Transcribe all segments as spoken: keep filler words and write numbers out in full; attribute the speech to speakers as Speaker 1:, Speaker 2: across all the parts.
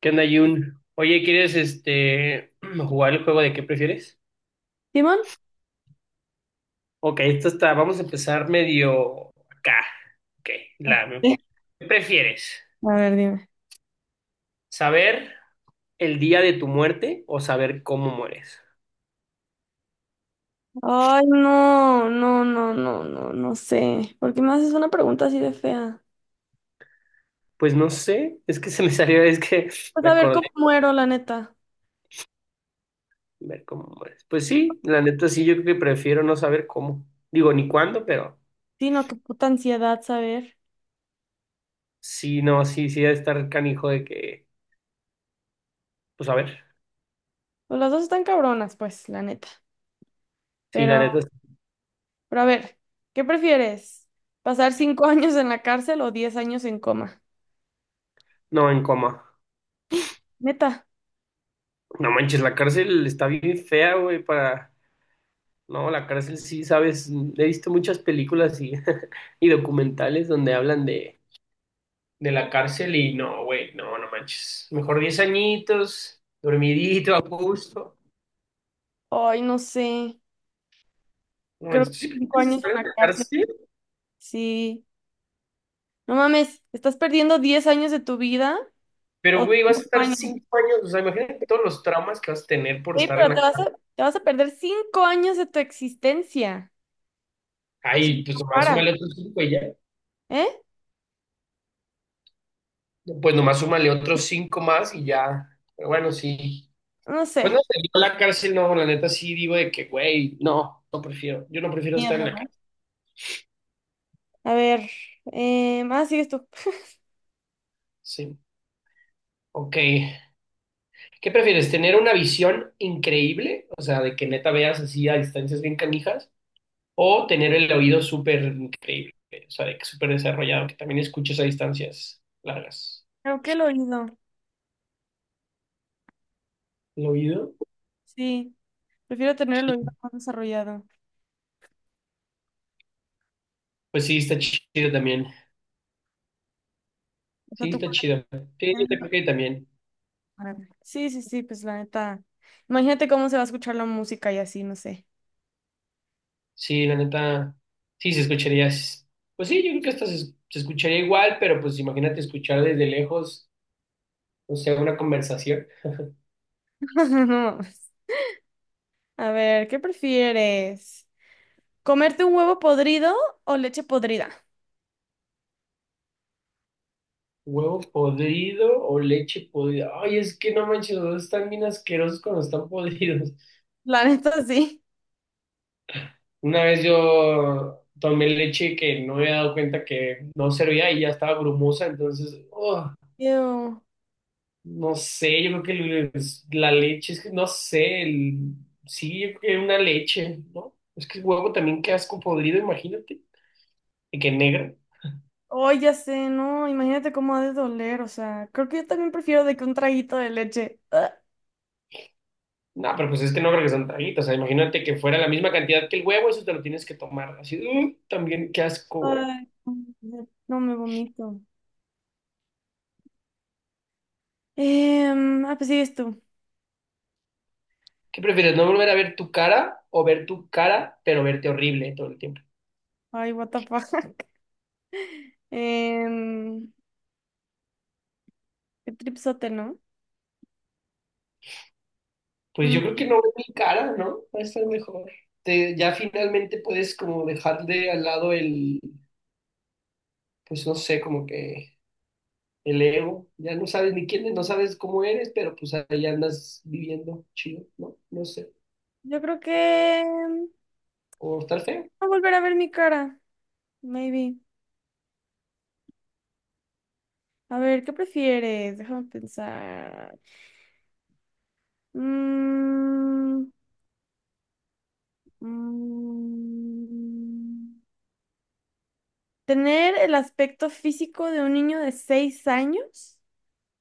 Speaker 1: ¿Qué onda, Jun? Oye, ¿quieres este jugar el juego de qué prefieres?
Speaker 2: ¿Simón?
Speaker 1: Ok, esto está, vamos a empezar medio acá. Ok, la, ¿qué prefieres?
Speaker 2: A ver, dime.
Speaker 1: ¿Saber el día de tu muerte o saber cómo mueres?
Speaker 2: Ay, no, no, no, no, no, no sé. ¿Por qué me haces una pregunta así de fea?
Speaker 1: Pues no sé, es que se me salió, es que
Speaker 2: Pues
Speaker 1: me
Speaker 2: a ver
Speaker 1: acordé
Speaker 2: cómo muero, la neta.
Speaker 1: de ver cómo mueres. Pues sí, la neta sí, yo creo que prefiero no saber cómo. Digo, ni cuándo, pero
Speaker 2: Sí, no, qué puta ansiedad saber.
Speaker 1: sí, no, sí, sí, debe estar canijo de que, pues a ver,
Speaker 2: Pues las dos están cabronas, pues, la neta.
Speaker 1: sí, la
Speaker 2: Pero,
Speaker 1: neta,
Speaker 2: pero a ver, ¿qué prefieres? ¿Pasar cinco años en la cárcel o diez años en coma?
Speaker 1: no en coma.
Speaker 2: Neta.
Speaker 1: No manches, la cárcel está bien fea, güey, para. No, la cárcel sí, sabes, he visto muchas películas y, y documentales donde hablan de, de la cárcel y no, güey, no, no manches. Mejor diez añitos, dormidito, a gusto.
Speaker 2: Ay, no sé.
Speaker 1: No
Speaker 2: Creo
Speaker 1: manches,
Speaker 2: que
Speaker 1: tú sí
Speaker 2: cinco
Speaker 1: quieres
Speaker 2: años
Speaker 1: estar
Speaker 2: en
Speaker 1: en
Speaker 2: la
Speaker 1: la
Speaker 2: cárcel.
Speaker 1: cárcel,
Speaker 2: Sí. No mames, ¿estás perdiendo diez años de tu vida
Speaker 1: pero,
Speaker 2: o
Speaker 1: güey, vas a
Speaker 2: cinco
Speaker 1: estar
Speaker 2: años?
Speaker 1: cinco años. O sea, imagínate todos los traumas que vas a tener por
Speaker 2: Oye,
Speaker 1: estar en
Speaker 2: pero te
Speaker 1: la
Speaker 2: vas
Speaker 1: cárcel.
Speaker 2: a, te vas a perder cinco años de tu existencia. Sí,
Speaker 1: Ay, pues
Speaker 2: no
Speaker 1: nomás
Speaker 2: para.
Speaker 1: súmale otros cinco y ya.
Speaker 2: ¿Eh?
Speaker 1: Pues nomás súmale otros cinco más y ya. Pero bueno, sí.
Speaker 2: No sé.
Speaker 1: Pues no sé, yo la cárcel no, la neta sí digo de que, güey, no, no prefiero, yo no prefiero estar en
Speaker 2: Miedo,
Speaker 1: la
Speaker 2: ¿no?
Speaker 1: cárcel,
Speaker 2: A ver. Eh, ah, sigues tú.
Speaker 1: sí. Ok, ¿qué prefieres? ¿Tener una visión increíble? O sea, de que neta veas así a distancias bien canijas, o tener el oído súper increíble, o sea, de que súper desarrollado, que también escuches a distancias largas.
Speaker 2: Creo que el oído.
Speaker 1: ¿El oído?
Speaker 2: Sí. Prefiero tener el oído
Speaker 1: Sí.
Speaker 2: más desarrollado.
Speaker 1: Pues sí, está chido también.
Speaker 2: O sea,
Speaker 1: Sí,
Speaker 2: tú.
Speaker 1: está chido. Sí, yo también creo que también.
Speaker 2: Sí, sí, sí, pues la neta. Imagínate cómo se va a escuchar la música y así, no sé.
Speaker 1: Sí, la neta, sí se escucharía. s- Pues sí, yo creo que hasta se, se escucharía igual, pero pues imagínate escuchar desde lejos, o sea, una conversación.
Speaker 2: No, pues. A ver, ¿qué prefieres? ¿Comerte un huevo podrido o leche podrida?
Speaker 1: Huevo podrido o leche podrida. Ay, es que no manches, los dos están bien asquerosos cuando están podridos.
Speaker 2: La neta, sí.
Speaker 1: Una vez yo tomé leche que no me había dado cuenta que no servía y ya estaba grumosa, entonces, ¡oh!
Speaker 2: Ew.
Speaker 1: No sé, yo creo que el- la leche, es que no sé, el- sí, yo creo que una leche, ¿no? Es que el huevo también qué asco podrido, imagínate, y que negro.
Speaker 2: Ay, ya sé, no, imagínate cómo ha de doler, o sea, creo que yo también prefiero de que un traguito de leche. Ah,
Speaker 1: No, pero pues es que no creo que son traguitos, o sea, imagínate que fuera la misma cantidad que el huevo, eso te lo tienes que tomar. Así, uh, también qué asco, güey.
Speaker 2: ay, no no me vomito. Em, ah, pues sigues tú.
Speaker 1: ¿Qué prefieres, no volver a ver tu cara o ver tu cara, pero verte horrible todo el tiempo?
Speaker 2: Ay, what the fuck. Em, qué tripsote, ¿no?
Speaker 1: Pues yo creo
Speaker 2: Mm,
Speaker 1: que no ver mi cara, ¿no? Va a estar mejor. Te- ya finalmente puedes como dejar de al lado el, pues no sé, como que el ego, ya no sabes ni quién eres, no sabes cómo eres, pero pues ahí andas viviendo chido, ¿no? No sé,
Speaker 2: yo creo que em,
Speaker 1: o estar feo.
Speaker 2: voy a volver a ver mi cara, maybe. A ver, ¿qué prefieres? Déjame pensar. Mm, mm, ¿Tener el aspecto físico de un niño de seis años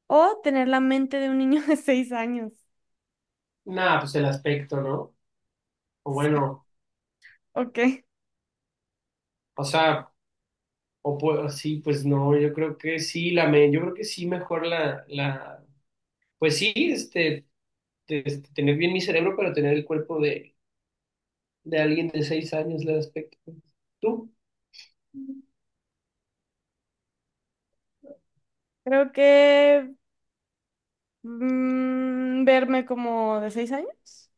Speaker 2: o tener la mente de un niño de seis años?
Speaker 1: Nada, pues el aspecto, ¿no? O
Speaker 2: Sí.
Speaker 1: bueno,
Speaker 2: Ok,
Speaker 1: o sea, o pues, sí, pues no, yo creo que sí, la me, yo creo que sí mejor la, la, pues sí, este, este, tener bien mi cerebro, pero tener el cuerpo de, De alguien de seis años el aspecto. ¿Tú?
Speaker 2: creo que mm, verme como de seis años,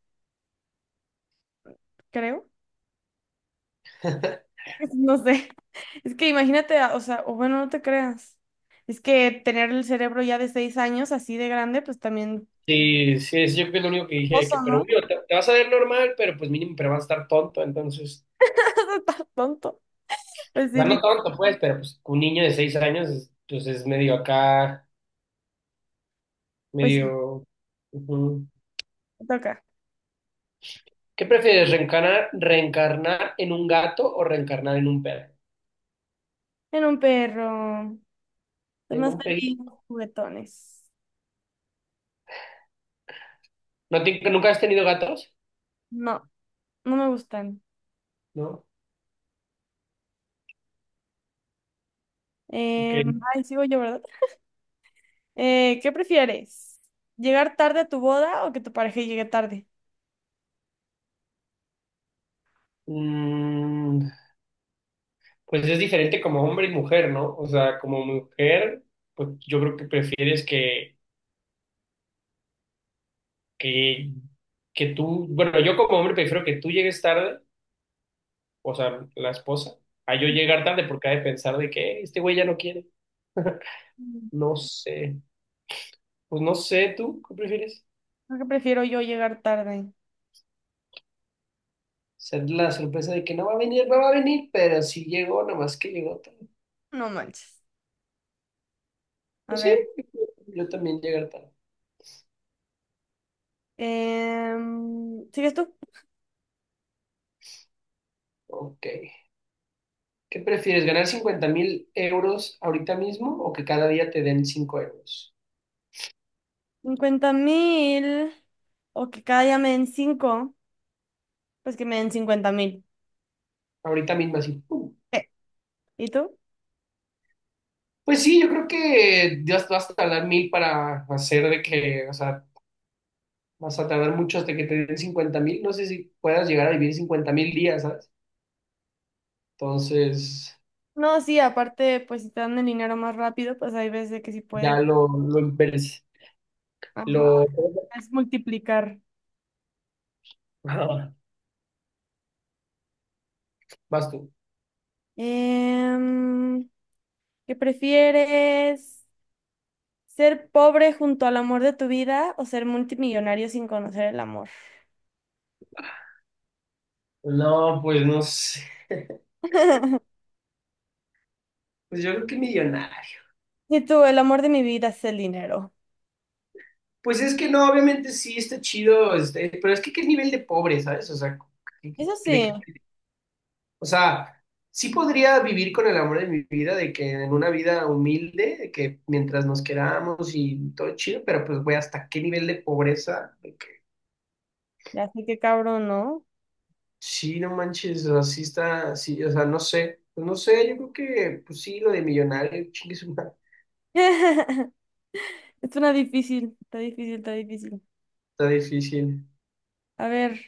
Speaker 2: creo. No sé, es que imagínate, a- o sea, o bueno, no te creas. Es que tener el cerebro ya de seis años así de grande, pues también...
Speaker 1: Sí, sí, es, yo creo que es lo único que dije, que,
Speaker 2: Oso,
Speaker 1: pero
Speaker 2: ¿no?
Speaker 1: obvio, te, te vas a ver normal, pero pues mínimo, pero vas a estar tonto, entonces.
Speaker 2: Estás tonto. Pues
Speaker 1: O
Speaker 2: sí,
Speaker 1: sea, no
Speaker 2: lit-
Speaker 1: tonto, pues, pero pues un niño de seis años, es- pues es medio acá,
Speaker 2: pues sí,
Speaker 1: medio. Ujú.
Speaker 2: me toca.
Speaker 1: ¿Qué prefieres, reencarnar, reencarnar en un gato o reencarnar en un perro?
Speaker 2: En un perro. Son
Speaker 1: En
Speaker 2: más
Speaker 1: un
Speaker 2: felices,
Speaker 1: perro.
Speaker 2: juguetones.
Speaker 1: ¿No te- nunca has tenido gatos?
Speaker 2: No. No me gustan.
Speaker 1: ¿No?
Speaker 2: Em,
Speaker 1: Ok.
Speaker 2: ay, sigo yo, ¿verdad? Eh, ¿qué prefieres? ¿Llegar tarde a tu boda o que tu pareja llegue tarde?
Speaker 1: Mm, pues es diferente como hombre y mujer, ¿no? O sea, como mujer, pues yo creo que prefieres que, que, que tú, bueno, yo como hombre prefiero que tú llegues tarde, o sea, la esposa, a yo llegar tarde porque ha de pensar de que "Eh, este güey ya no quiere".
Speaker 2: Mm,
Speaker 1: No sé, pues no sé, ¿tú qué prefieres?
Speaker 2: Creo que prefiero yo llegar tarde.
Speaker 1: Ser la sorpresa de que no va a venir, no va a venir, pero si llegó, nada más que llegó tarde.
Speaker 2: No manches. A
Speaker 1: Pues sí,
Speaker 2: ver.
Speaker 1: yo también llegar tarde.
Speaker 2: em, ¿sigues tú?
Speaker 1: Ok. ¿Qué prefieres, ganar cincuenta mil euros ahorita mismo o que cada día te den cinco euros?
Speaker 2: Cincuenta mil o que cada día me den cinco, pues que me den cincuenta mil.
Speaker 1: Ahorita mismo así. ¡Pum!
Speaker 2: ¿Y tú?
Speaker 1: Pues sí, yo creo que ya vas a tardar mil para hacer de que, o sea, vas a tardar mucho hasta que te den cincuenta mil. No sé si puedas llegar a vivir cincuenta mil días, ¿sabes? Entonces,
Speaker 2: No, sí, aparte, pues si te dan el dinero más rápido, pues hay veces que sí puedes.
Speaker 1: ya lo, lo, emperes-
Speaker 2: Ajá.
Speaker 1: lo...
Speaker 2: Es multiplicar.
Speaker 1: Vas tú.
Speaker 2: Em, ¿Qué prefieres? ¿Ser pobre junto al amor de tu vida o ser multimillonario sin conocer el amor?
Speaker 1: No, pues no sé. Pues yo creo que millonario.
Speaker 2: Y tú, el amor de mi vida es el dinero.
Speaker 1: Pues es que no, obviamente sí está chido, este, pero es que qué nivel de pobre, ¿sabes? O sea, ¿qué-
Speaker 2: Eso
Speaker 1: qué- de qué-
Speaker 2: sí,
Speaker 1: o sea, sí podría vivir con el amor de mi vida, de que en una vida humilde, de que mientras nos queramos y todo chido, pero pues güey, ¿hasta qué nivel de pobreza?
Speaker 2: ya sé qué cabrón, ¿no?
Speaker 1: Sí, no manches, así está, sí, o sea, no sé, pues no sé, yo creo que, pues sí, lo de millonario, chingue su madre,
Speaker 2: Es una difícil, está difícil, está difícil.
Speaker 1: está difícil.
Speaker 2: A ver,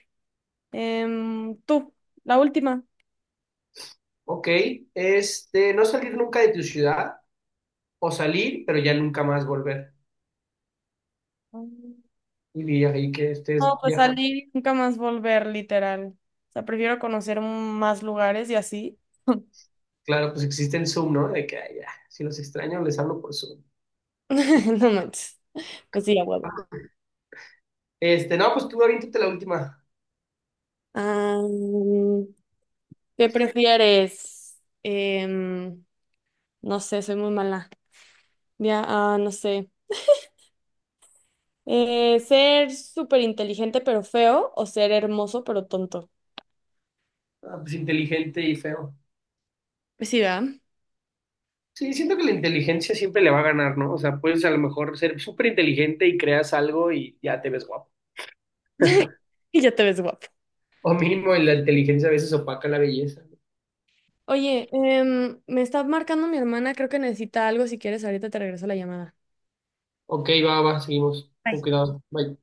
Speaker 2: em, tú, la última.
Speaker 1: Ok, este, no salir nunca de tu ciudad, o salir, pero ya nunca más volver.
Speaker 2: Mm.
Speaker 1: Y vi ahí que estés
Speaker 2: No, pues
Speaker 1: viajando.
Speaker 2: salir y nunca más volver, literal. O sea, prefiero conocer más lugares y así.
Speaker 1: Claro, pues existe el Zoom, ¿no? De que, ay, ya, si los extraño, les hablo por Zoom.
Speaker 2: No manches. Pues sí, a huevo.
Speaker 1: Ah, este, no, pues tú aviéntate la última.
Speaker 2: Ah, ¿Qué prefieres? Em, no sé, soy muy mala. Ya, ah, no sé. Eh, ¿ser súper inteligente pero feo o ser hermoso pero tonto?
Speaker 1: Ah, pues inteligente y feo.
Speaker 2: Pues sí, ¿verdad?
Speaker 1: Sí, siento que la inteligencia siempre le va a ganar, ¿no? O sea, puedes a lo mejor ser súper inteligente y creas algo y ya te ves guapo.
Speaker 2: Y ya te ves guapo.
Speaker 1: O mínimo la inteligencia a veces opaca la belleza.
Speaker 2: Oye, em, me está marcando mi hermana, creo que necesita algo. Si quieres, ahorita te regreso la llamada.
Speaker 1: Ok, va, va, seguimos.
Speaker 2: Bye.
Speaker 1: Con cuidado. Bye.